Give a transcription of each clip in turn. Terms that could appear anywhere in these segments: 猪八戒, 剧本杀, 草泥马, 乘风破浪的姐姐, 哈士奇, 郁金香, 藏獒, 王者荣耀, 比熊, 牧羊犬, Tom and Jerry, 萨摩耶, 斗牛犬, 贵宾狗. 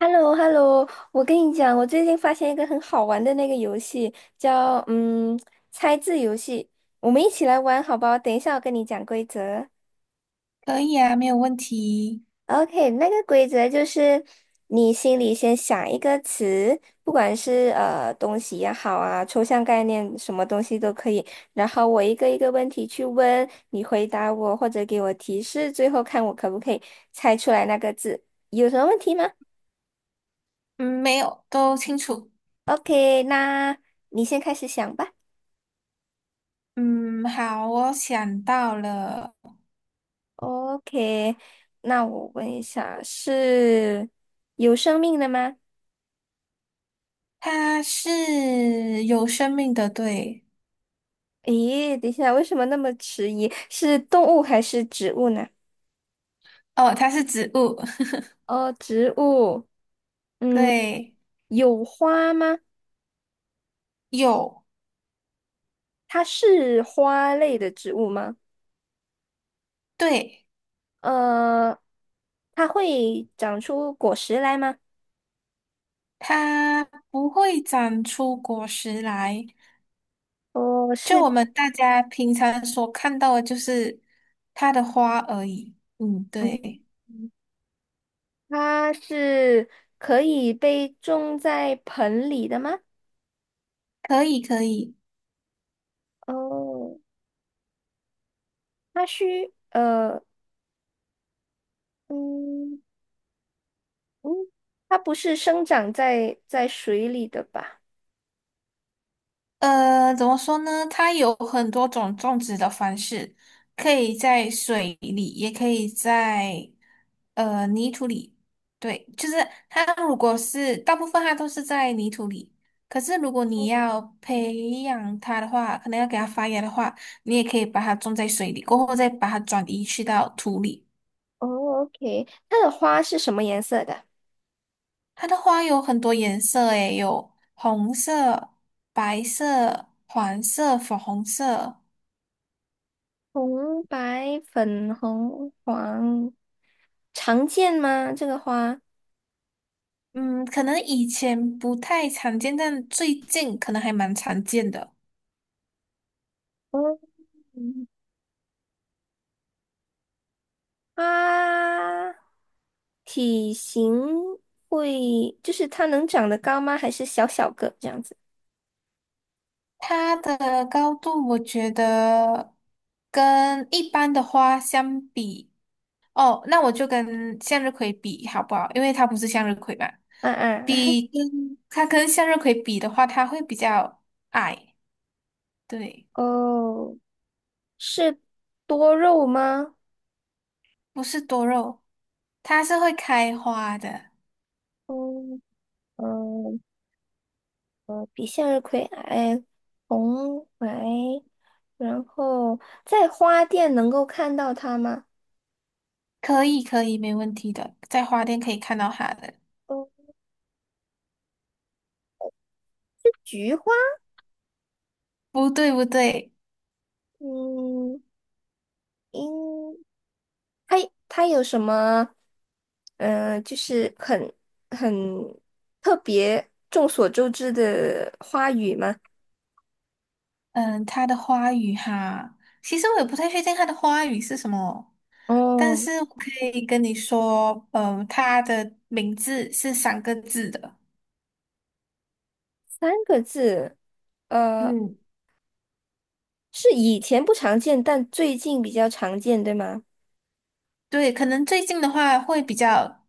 h e l l o h e l l o 我跟你讲，我最近发现一个很好玩的那个游戏，叫猜字游戏，我们一起来玩好不好？等一下我跟你讲规则。可以啊，没有问题。OK，那个规则就是你心里先想一个词，不管是东西也好啊，抽象概念什么东西都可以，然后我一个一个问题去问，你回答我或者给我提示，最后看我可不可以猜出来那个字。有什么问题吗嗯，没有，都清楚。？OK，那你先开始想吧。嗯，好，我想到了，OK，那我问一下，是有生命的吗？它是有生命的，对。咦，等一下，为什么那么迟疑？是动物还是植物呢？哦，它是植物，哦，植物，嗯，对，有花吗？有，它是花类的植物吗？对，呃，它会长出果实来吗？它不会长出果实来，哦，就是，我们大家平常所看到的，就是它的花而已。嗯，对，嗯，它是可以被种在盆里的吗？可以，可以。哦，它需，呃，嗯。嗯，它不是生长在水里的吧？怎么说呢？它有很多种种植的方式，可以在水里，也可以在泥土里。对，就是它如果是大部分它都是在泥土里，可是如果你哦要培养它的话，可能要给它发芽的话，你也可以把它种在水里，过后再把它转移去到土里。，OK，它的花是什么颜色的？它的花有很多颜色，诶，有红色、白色、黄色、粉红色。红、白、粉红、黄，常见吗？这个花？嗯，可能以前不太常见，但最近可能还蛮常见的。嗯，它体型会，就是它能长得高吗？还是小小个这样子？它的高度，我觉得跟一般的花相比，哦，那我就跟向日葵比好不好？因为它不是向日葵嘛，啊啊，比跟它跟向日葵比的话，它会比较矮，对，哦，是多肉吗？不是多肉，它是会开花的，嗯嗯比向日葵矮，红白。然后在花店能够看到它吗？可以可以，没问题的，在花店可以看到它的。哦，菊花，不对不对。嗯，应它它有什么？就是很特别、众所周知的花语吗？嗯，它的花语哈，其实我也不太确定它的花语是什么，但哦，是我可以跟你说，嗯，它的名字是三个字的。三个字，呃，嗯，是以前不常见，但最近比较常见，对吗？对，可能最近的话会比较，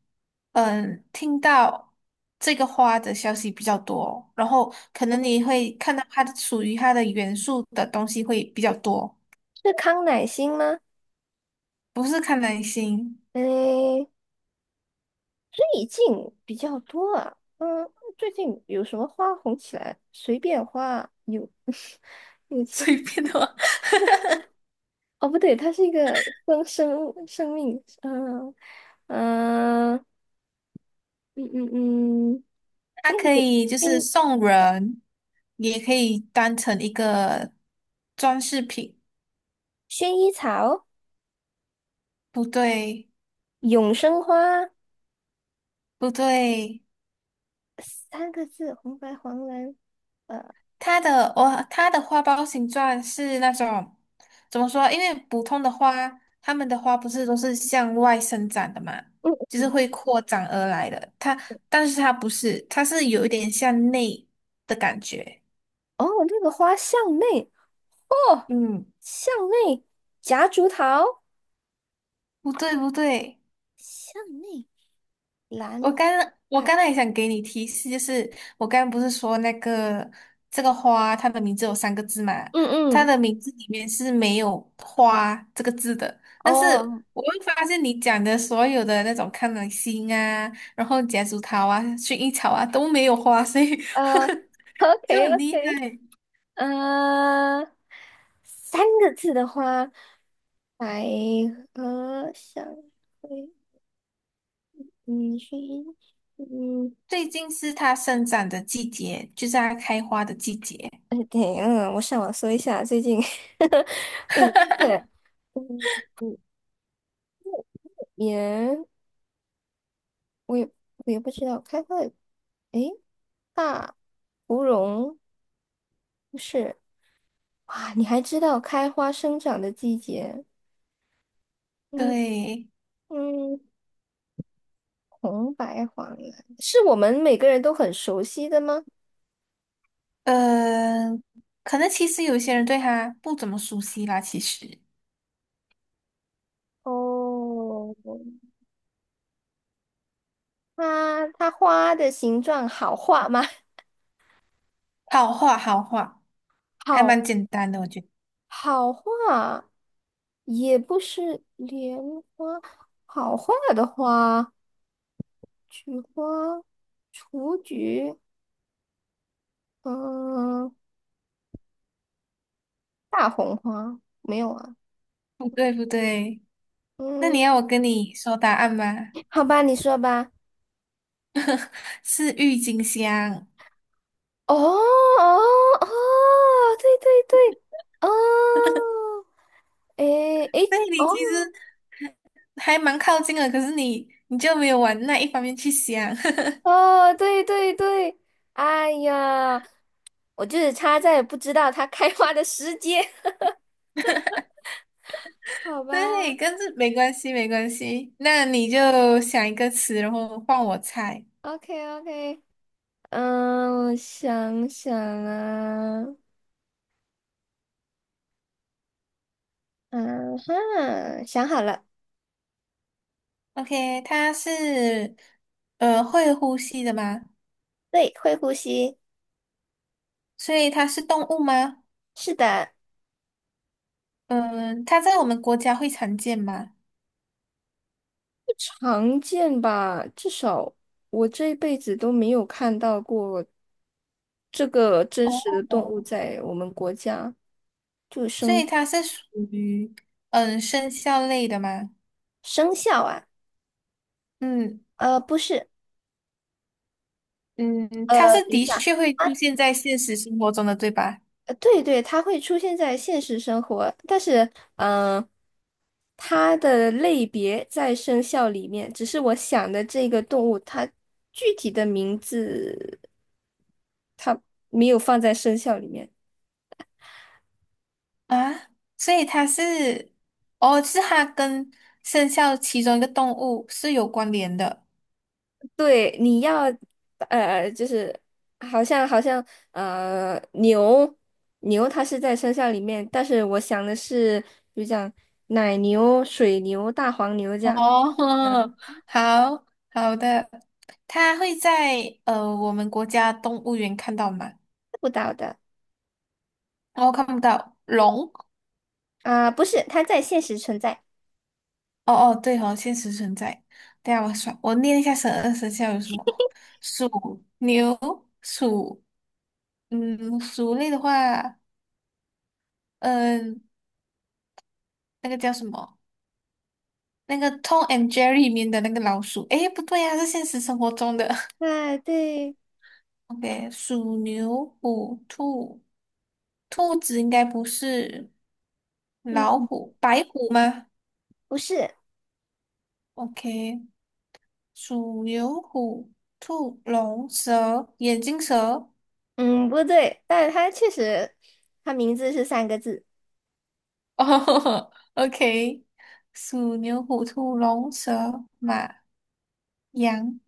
听到这个花的消息比较多，然后可能哦你会看到它的属于它的元素的东西会比较多，是康乃馨吗？不是看男星，诶，意境比较多啊。嗯，最近有什么花红起来？随便花啊有 有 钱随便的话哦，不对，它是一个生命，嗯嗯嗯嗯，它三个可字，以就是薰送人，也可以当成一个装饰品。薰衣草、不对，永生花，不对，三个字，红白黄蓝，呃它的花苞形状是那种怎么说？因为普通的花，它们的花不是都是向外生长的嘛，嗯就是会扩展而来的。但是它不是，它是有一点向内的感觉。哦，那个花向内哦，嗯，向内夹竹桃，不对，不对。向内兰我刚我花，刚才也想给你提示，就是我刚刚不是说那个这个花，它的名字有三个字嘛？嗯它嗯。的名字里面是没有"花"这个字的。但是哦，我会发现你讲的所有的那种康乃馨啊，然后夹竹桃啊、薰衣草啊都没有花，所以 呃 就，OK 很厉 OK，害。呃，三个字的话，百合香会，嗯，薰衣，嗯，最近是它生长的季节，就是它开花的季节。哎，我上网搜一下，最近 五月，嗯，五年，我也我也不知道，开花的，诶，大芙蓉不是，哇，你还知道开花生长的季节？嗯对，嗯。红白黄蓝是我们每个人都很熟悉的吗？嗯、可能其实有些人对它不怎么熟悉啦，其实。哦，它花的形状好画吗？好画好画，还好蛮简单的，我觉得。好画，也不是莲花，好画的花，菊花、雏菊，嗯，大红花没有啊？不对不对，那嗯，你要我跟你说答案吗？好吧，你说吧。是郁金香。哦哦哦，对对对，哦。诶诶，对，哦，你其实还蛮靠近的，可是你就没有往那一方面去想。哦，对对对，哎呀，我就是差在不知道它开花的时间，好对，吧但是没关系没关系，那你就想一个词，然后换我猜。？OK OK，我想想啊，嗯哈，想好了，OK,它是会呼吸的吗？对，会呼吸，所以它是动物吗？是的，嗯、它在我们国家会常见吗？常见吧，至少我这辈子都没有看到过这个真实哦，的动物在我们国家，就所以生它是属于生肖类的吗？生肖啊，嗯不是，嗯，它是等一的确下。会出现在现实生活中的，对吧？对对，它会出现在现实生活，但是嗯、呃它的类别在生肖里面，只是我想的这个动物，它具体的名字没有放在生肖里面。啊，所以它是哦，是它跟生肖其中一个动物是有关联的。对，就是好像呃牛牛它是在生肖里面，但是我想的是，比如讲奶牛、水牛、大黄牛这样，哦，嗯，好好的，它会在我们国家动物园看到吗？不到的哦，看不到龙。啊、不是，它在现实存在。哦哦，对哦，现实存在。等一下我算，我念一下十二生肖有什么：鼠、牛、鼠，鼠类的话，嗯、那个叫什么？那个《Tom and Jerry》里面的那个老鼠。诶，不对呀、是现实生活中的。对对，OK,鼠、牛、虎、兔，兔子应该不是老嗯，虎，白虎吗不是，？OK,鼠、牛、虎、兔、龙、蛇、眼镜蛇。嗯，不对，但是它确实，它名字是三个字哦 ，OK,鼠、牛、虎、兔、龙、蛇、马、羊，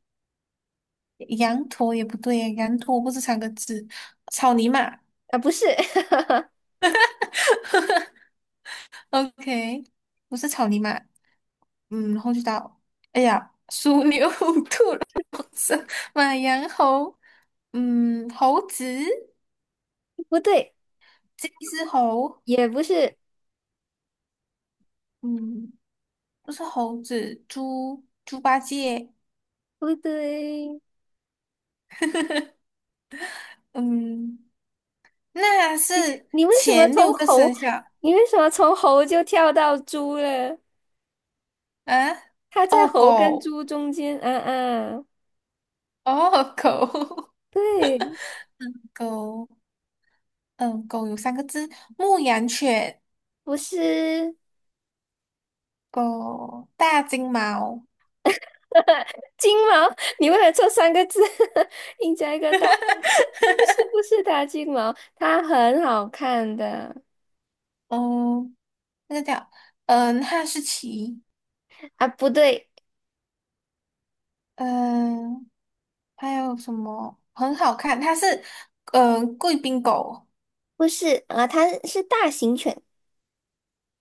羊驼也不对耶，羊驼不是三个字，草泥马啊，不是，，OK,不是草泥马，然后就到，哎呀，鼠、牛、虎、兔、龙、蛇、马、羊、猴，猴子，不对，这只猴，也不是，嗯，不是猴子，猪，猪八戒，不对。嗯，那是你为什么前六从个猴，生肖。你为什么从猴就跳到猪了？啊，它在哦，猴跟狗，猪中间，嗯嗯，哦，狗，对，狗，嗯，狗有三个字，牧羊犬，不是狗，大金毛，金毛，你为了这三个字 硬加一个大，不是不是大金毛，它很好看的嗯，那个叫，哈士奇，啊，不对。嗯，还有什么很好看？它是，贵宾狗，不是啊，它是大型犬，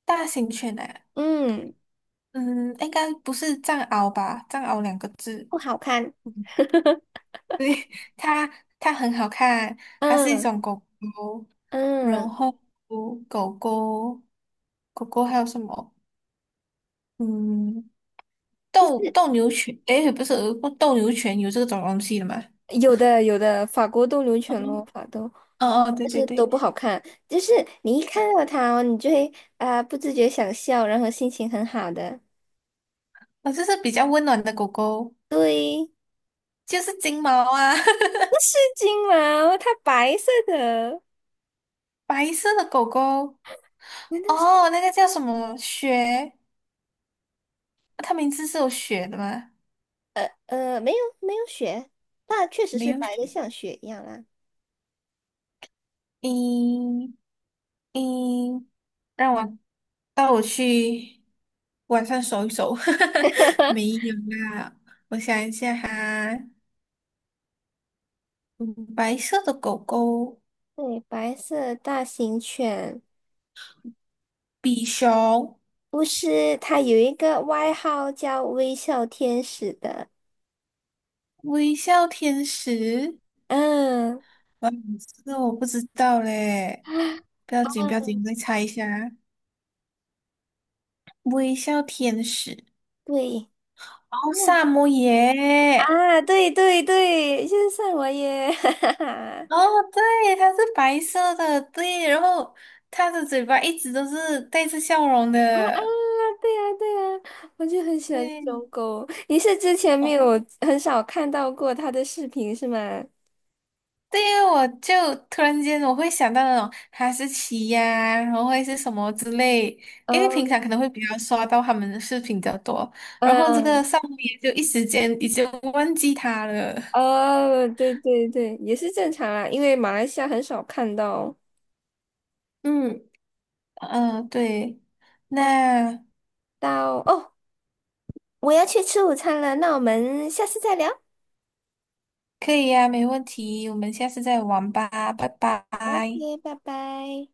大型犬诶，嗯，嗯，应该不是藏獒吧？藏獒两个字，不好看。对它它很好看，它是一嗯种狗狗，然嗯，后狗狗狗狗还有什么？嗯，斗牛犬，诶，不是斗牛犬有这种东西的吗？有的有的，法国斗牛犬咯，嗯法斗，哦，哦对但对是都对，不好看。就是你一看到它哦，你就会啊、不自觉想笑，然后心情很好的。哦，这是比较温暖的狗狗，对，就是金毛啊，不是金毛，它白色的，白色的狗狗，难道是？哦，那个叫什么雪？它名字是有雪的吗？没有没有雪，但确实没是有白的，雪，像雪一样啦。嗯嗯。让我带我去晚上走一走。没有啦，我想一下哈，嗯白色的狗狗，对，白色大型犬，比熊，不是，它有一个外号叫微笑天使的。微笑天使，嗯，哇，这个我不知道嘞。不要紧，不要紧，我再猜一下。微笑天使，对。哦，那。萨摩耶，啊，对对对，就是萨我耶，哈哈哈！哦，对，它是白色的，对，然后它的嘴巴一直都是带着笑容啊啊，的，对呀、对呀、我就很喜欢这对，种狗。你是之前没哦，有很少看到过它的视频是吗？对呀，我就突然间我会想到那种哈士奇呀、然后会是什么之类，因为哦，平常可能会比较刷到他们的视频比较多，然后这个嗯，上面就一时间已经忘记他了。哦，对对对，也是正常啦，因为马来西亚很少看到。嗯，嗯，对，那那到哦，我要去吃午餐了，那我们下次再聊。可以呀、没问题，我们下次再玩吧，拜拜。OK，拜拜。